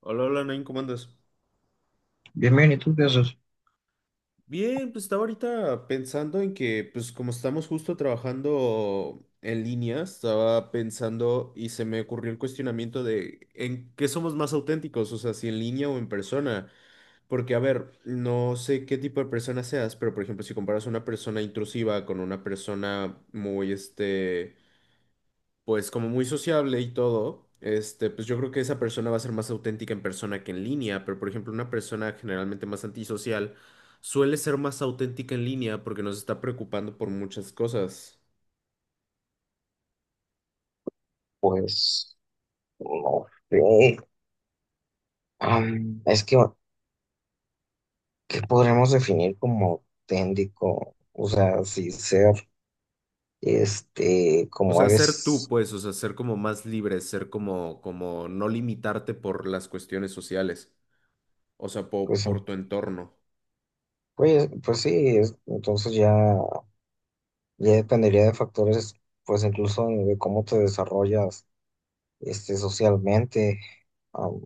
Hola, hola, Nain, ¿cómo andas? Bien, bien, ¿y tú qué haces? Bien, pues estaba ahorita pensando en que, pues como estamos justo trabajando en línea, estaba pensando y se me ocurrió el cuestionamiento de en qué somos más auténticos, o sea, si en línea o en persona. Porque, a ver, no sé qué tipo de persona seas, pero por ejemplo, si comparas una persona intrusiva con una persona muy, pues como muy sociable y todo, pues yo creo que esa persona va a ser más auténtica en persona que en línea, pero por ejemplo una persona generalmente más antisocial suele ser más auténtica en línea porque nos está preocupando por muchas cosas. Pues, no sé. Es que, ¿qué podremos definir como auténtico? O sea, si ser, O como sea, ser tú, eres, pues, o sea, ser como más libre, ser como, como no limitarte por las cuestiones sociales, o sea, pues, em, por tu entorno. Pues sí, entonces ya, ya dependería de factores, pues incluso de cómo te desarrollas, socialmente. Am,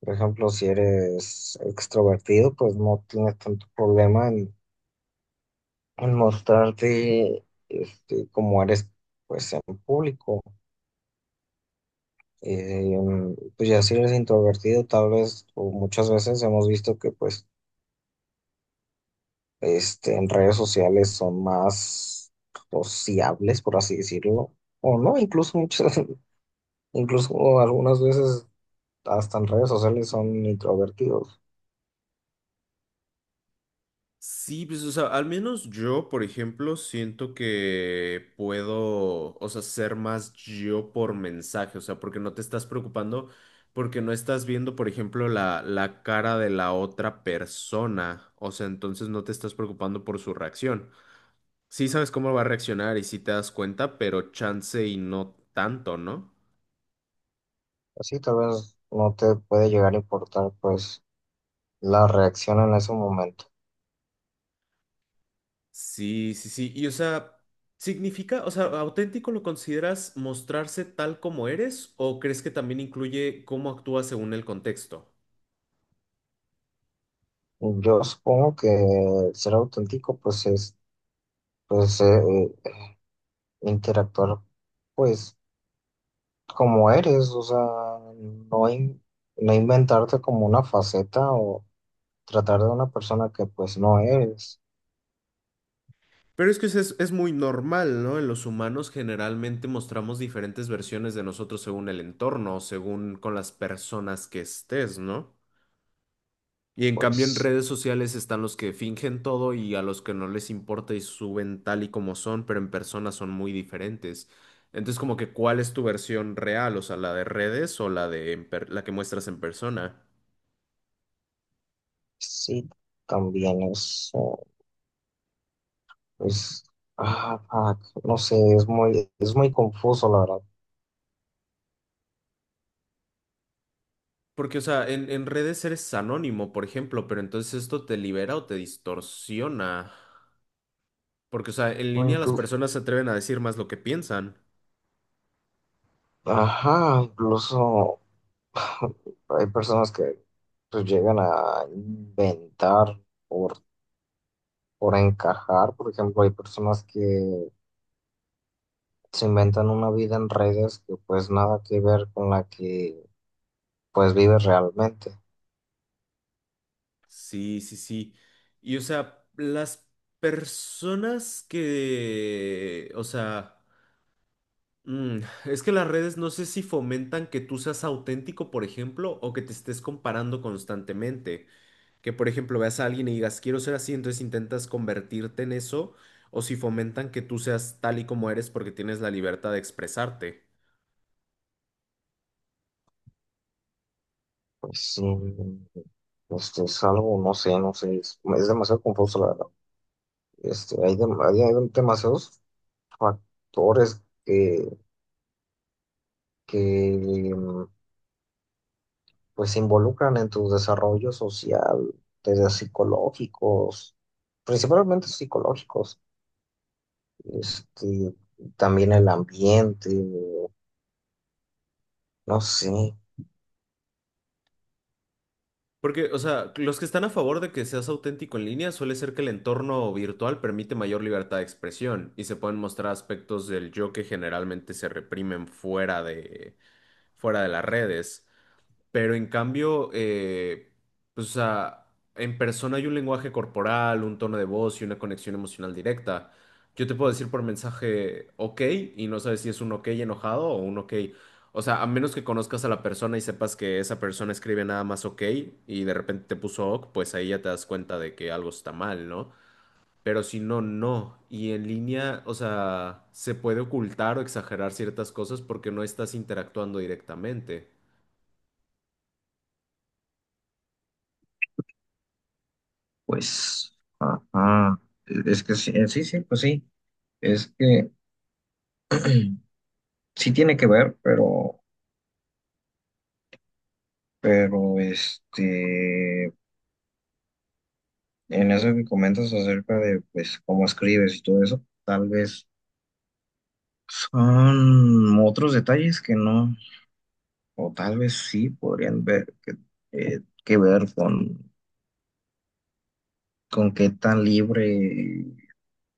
por ejemplo, si eres extrovertido, pues no tienes tanto problema en mostrarte como eres pues en público. Pues ya si eres introvertido, tal vez, o muchas veces hemos visto que pues en redes sociales son más sociables, por así decirlo, o no, incluso algunas veces hasta en redes sociales son introvertidos. Sí, pues, o sea, al menos yo, por ejemplo, siento que puedo, o sea, ser más yo por mensaje, o sea, porque no te estás preocupando, porque no estás viendo, por ejemplo, la cara de la otra persona, o sea, entonces no te estás preocupando por su reacción. Sí sabes cómo va a reaccionar y sí te das cuenta, pero chance y no tanto, ¿no? Así tal vez no te puede llegar a importar pues la reacción en ese momento. Sí, sí, sí. Y o sea, ¿significa, o sea, auténtico lo consideras mostrarse tal como eres o crees que también incluye cómo actúas según el contexto? Yo supongo que ser auténtico pues es pues eh, eh, interactuar pues como eres, o sea, no, in- no inventarte como una faceta o tratar de una persona que pues no eres, Pero es que es muy normal, ¿no? En los humanos generalmente mostramos diferentes versiones de nosotros según el entorno, según con las personas que estés, ¿no? Y en cambio en pues redes sociales están los que fingen todo y a los que no les importa y suben tal y como son, pero en persona son muy diferentes. Entonces como que ¿cuál es tu versión real? O sea, la de redes o la de la que muestras en persona. sí, también es, pues, ah, fuck, no sé, es muy confuso la verdad. Porque, o sea, en redes eres anónimo, por ejemplo, pero entonces esto te libera o te distorsiona. Porque, o sea, en O línea las inclu- personas se atreven a decir más lo que piensan. Ajá, incluso hay personas que pues llegan a inventar por, por encajar, por ejemplo, hay personas que se inventan una vida en redes que pues nada que ver con la que pues vives realmente. Sí, sí, sí. Y, o sea, las personas que, o sea... Mm, es que las redes no sé si fomentan que tú seas auténtico, por ejemplo, o que te estés comparando constantemente. Que, por ejemplo, veas a alguien y digas, quiero ser así, entonces intentas convertirte en eso, o si fomentan que tú seas tal y como eres porque tienes la libertad de expresarte. Pues sí, este es algo, no sé, no sé, es demasiado confuso la verdad. Hay demasiados factores que pues se involucran en tu desarrollo social, desde psicológicos, principalmente psicológicos, este, también el ambiente, no sé. Porque, o sea, los que están a favor de que seas auténtico en línea suele ser que el entorno virtual permite mayor libertad de expresión y se pueden mostrar aspectos del yo que generalmente se reprimen fuera de las redes. Pero en cambio, pues, o sea, en persona hay un lenguaje corporal, un tono de voz y una conexión emocional directa. Yo te puedo decir por mensaje ok y no sabes si es un ok enojado o un ok. O sea, a menos que conozcas a la persona y sepas que esa persona escribe nada más ok y de repente te puso ok, pues ahí ya te das cuenta de que algo está mal, ¿no? Pero si no, no. Y en línea, o sea, se puede ocultar o exagerar ciertas cosas porque no estás interactuando directamente. Pues, ajá, es que sí, sí, sí, pues sí, es que sí tiene que ver, pero, pero en eso que comentas acerca de, pues, cómo escribes y todo eso, tal vez son otros detalles que no, o tal vez sí podrían ver, que ver con qué tan libre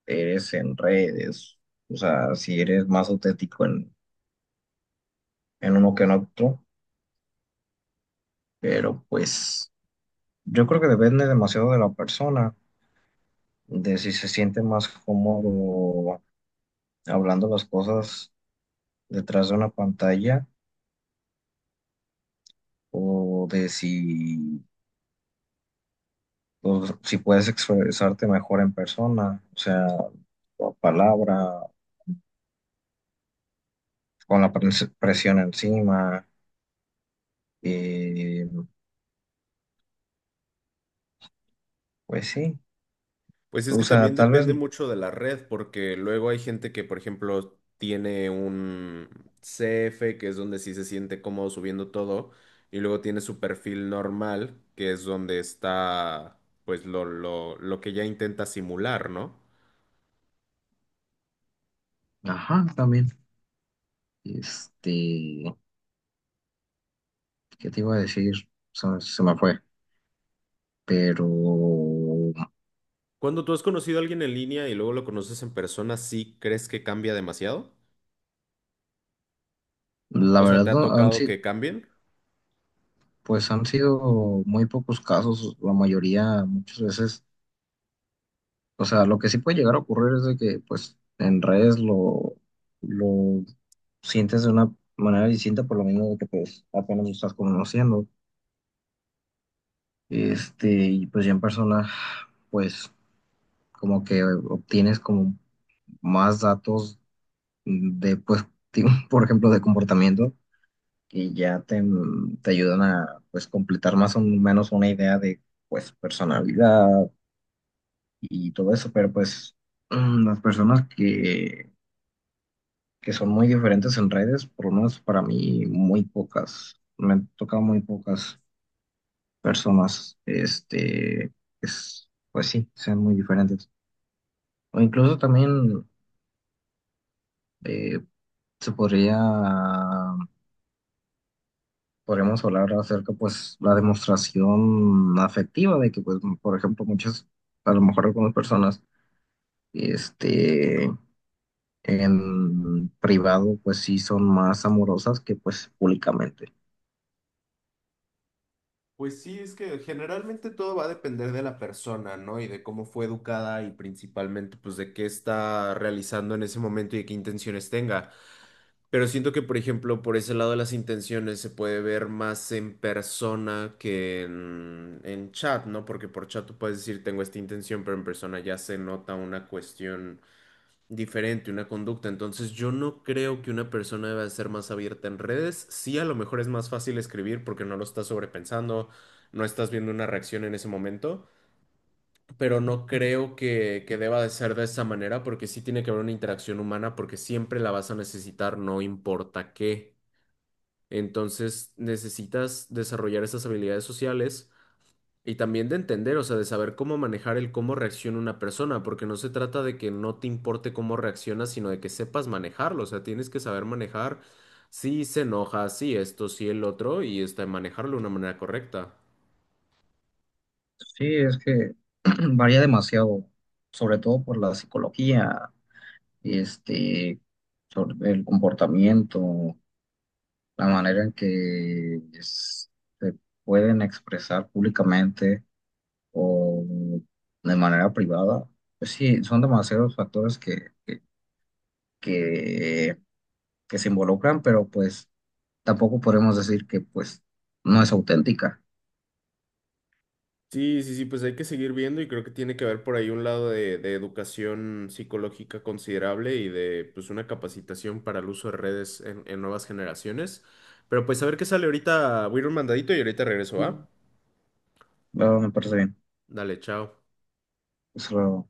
eres en redes, o sea, si eres más auténtico en uno que en otro, pero pues... Yo creo que depende demasiado de la persona, de si se siente más cómodo hablando las cosas detrás de una pantalla o de si, o si puedes expresarte mejor en persona, o sea, por palabra, con la presión encima, eh, pues sí, Pues es o que sea, también tal vez, depende mucho de la red, porque luego hay gente que, por ejemplo, tiene un CF, que es donde sí se siente cómodo subiendo todo, y luego tiene su perfil normal, que es donde está, pues, lo que ya intenta simular, ¿no? ajá, también, este, ¿qué te iba a decir? Se me fue, pero... Cuando tú has conocido a alguien en línea y luego lo conoces en persona, ¿sí crees que cambia demasiado? La O sea, verdad, ¿te ha no, han tocado si- que cambien? pues han sido muy pocos casos, la mayoría muchas veces, o sea, lo que sí puede llegar a ocurrir es de que pues en redes lo sientes de una manera distinta por lo mismo de que pues apenas lo estás conociendo, y pues ya en persona pues como que obtienes como más datos de pues, por ejemplo, de comportamiento y ya te ayudan a pues completar más o menos una idea de pues personalidad y todo eso, pero pues las personas que son muy diferentes en redes, por lo menos para mí, muy pocas, me han tocado muy pocas personas, es, pues sí, sean muy diferentes. O incluso también eh, se podría, podríamos hablar acerca, pues, la demostración afectiva de que, pues, por ejemplo, a lo mejor algunas personas, este en privado pues sí son más amorosas que pues públicamente. Pues sí, es que generalmente todo va a depender de la persona, ¿no? Y de cómo fue educada y principalmente, pues, de qué está realizando en ese momento y de qué intenciones tenga. Pero siento que, por ejemplo, por ese lado de las intenciones se puede ver más en persona que en chat, ¿no? Porque por chat tú puedes decir, tengo esta intención, pero en persona ya se nota una cuestión diferente, una conducta. Entonces yo no creo que una persona deba ser más abierta en redes. Sí, a lo mejor es más fácil escribir porque no lo estás sobrepensando, no estás viendo una reacción en ese momento, pero no creo que deba de ser de esa manera porque sí tiene que haber una interacción humana porque siempre la vas a necesitar, no importa qué. Entonces necesitas desarrollar esas habilidades sociales y también de entender, o sea, de saber cómo manejar el cómo reacciona una persona, porque no se trata de que no te importe cómo reaccionas, sino de que sepas manejarlo, o sea, tienes que saber manejar si se enoja, si esto, si el otro, y manejarlo de una manera correcta. Sí, es que varía demasiado, sobre todo por la psicología, este, sobre el comportamiento, la manera en que se pueden expresar públicamente o de manera privada. Pues sí, son demasiados factores que que se involucran, pero pues tampoco podemos decir que pues no es auténtica. Sí, sí, sí, pues hay que seguir viendo y creo que tiene que haber por ahí un lado de educación psicológica considerable y de pues una capacitación para el uso de redes en nuevas generaciones. Pero pues a ver qué sale ahorita, voy a ir un mandadito y ahorita regreso, No, ¿va? me parece bien. Dale, chao. Eso lo,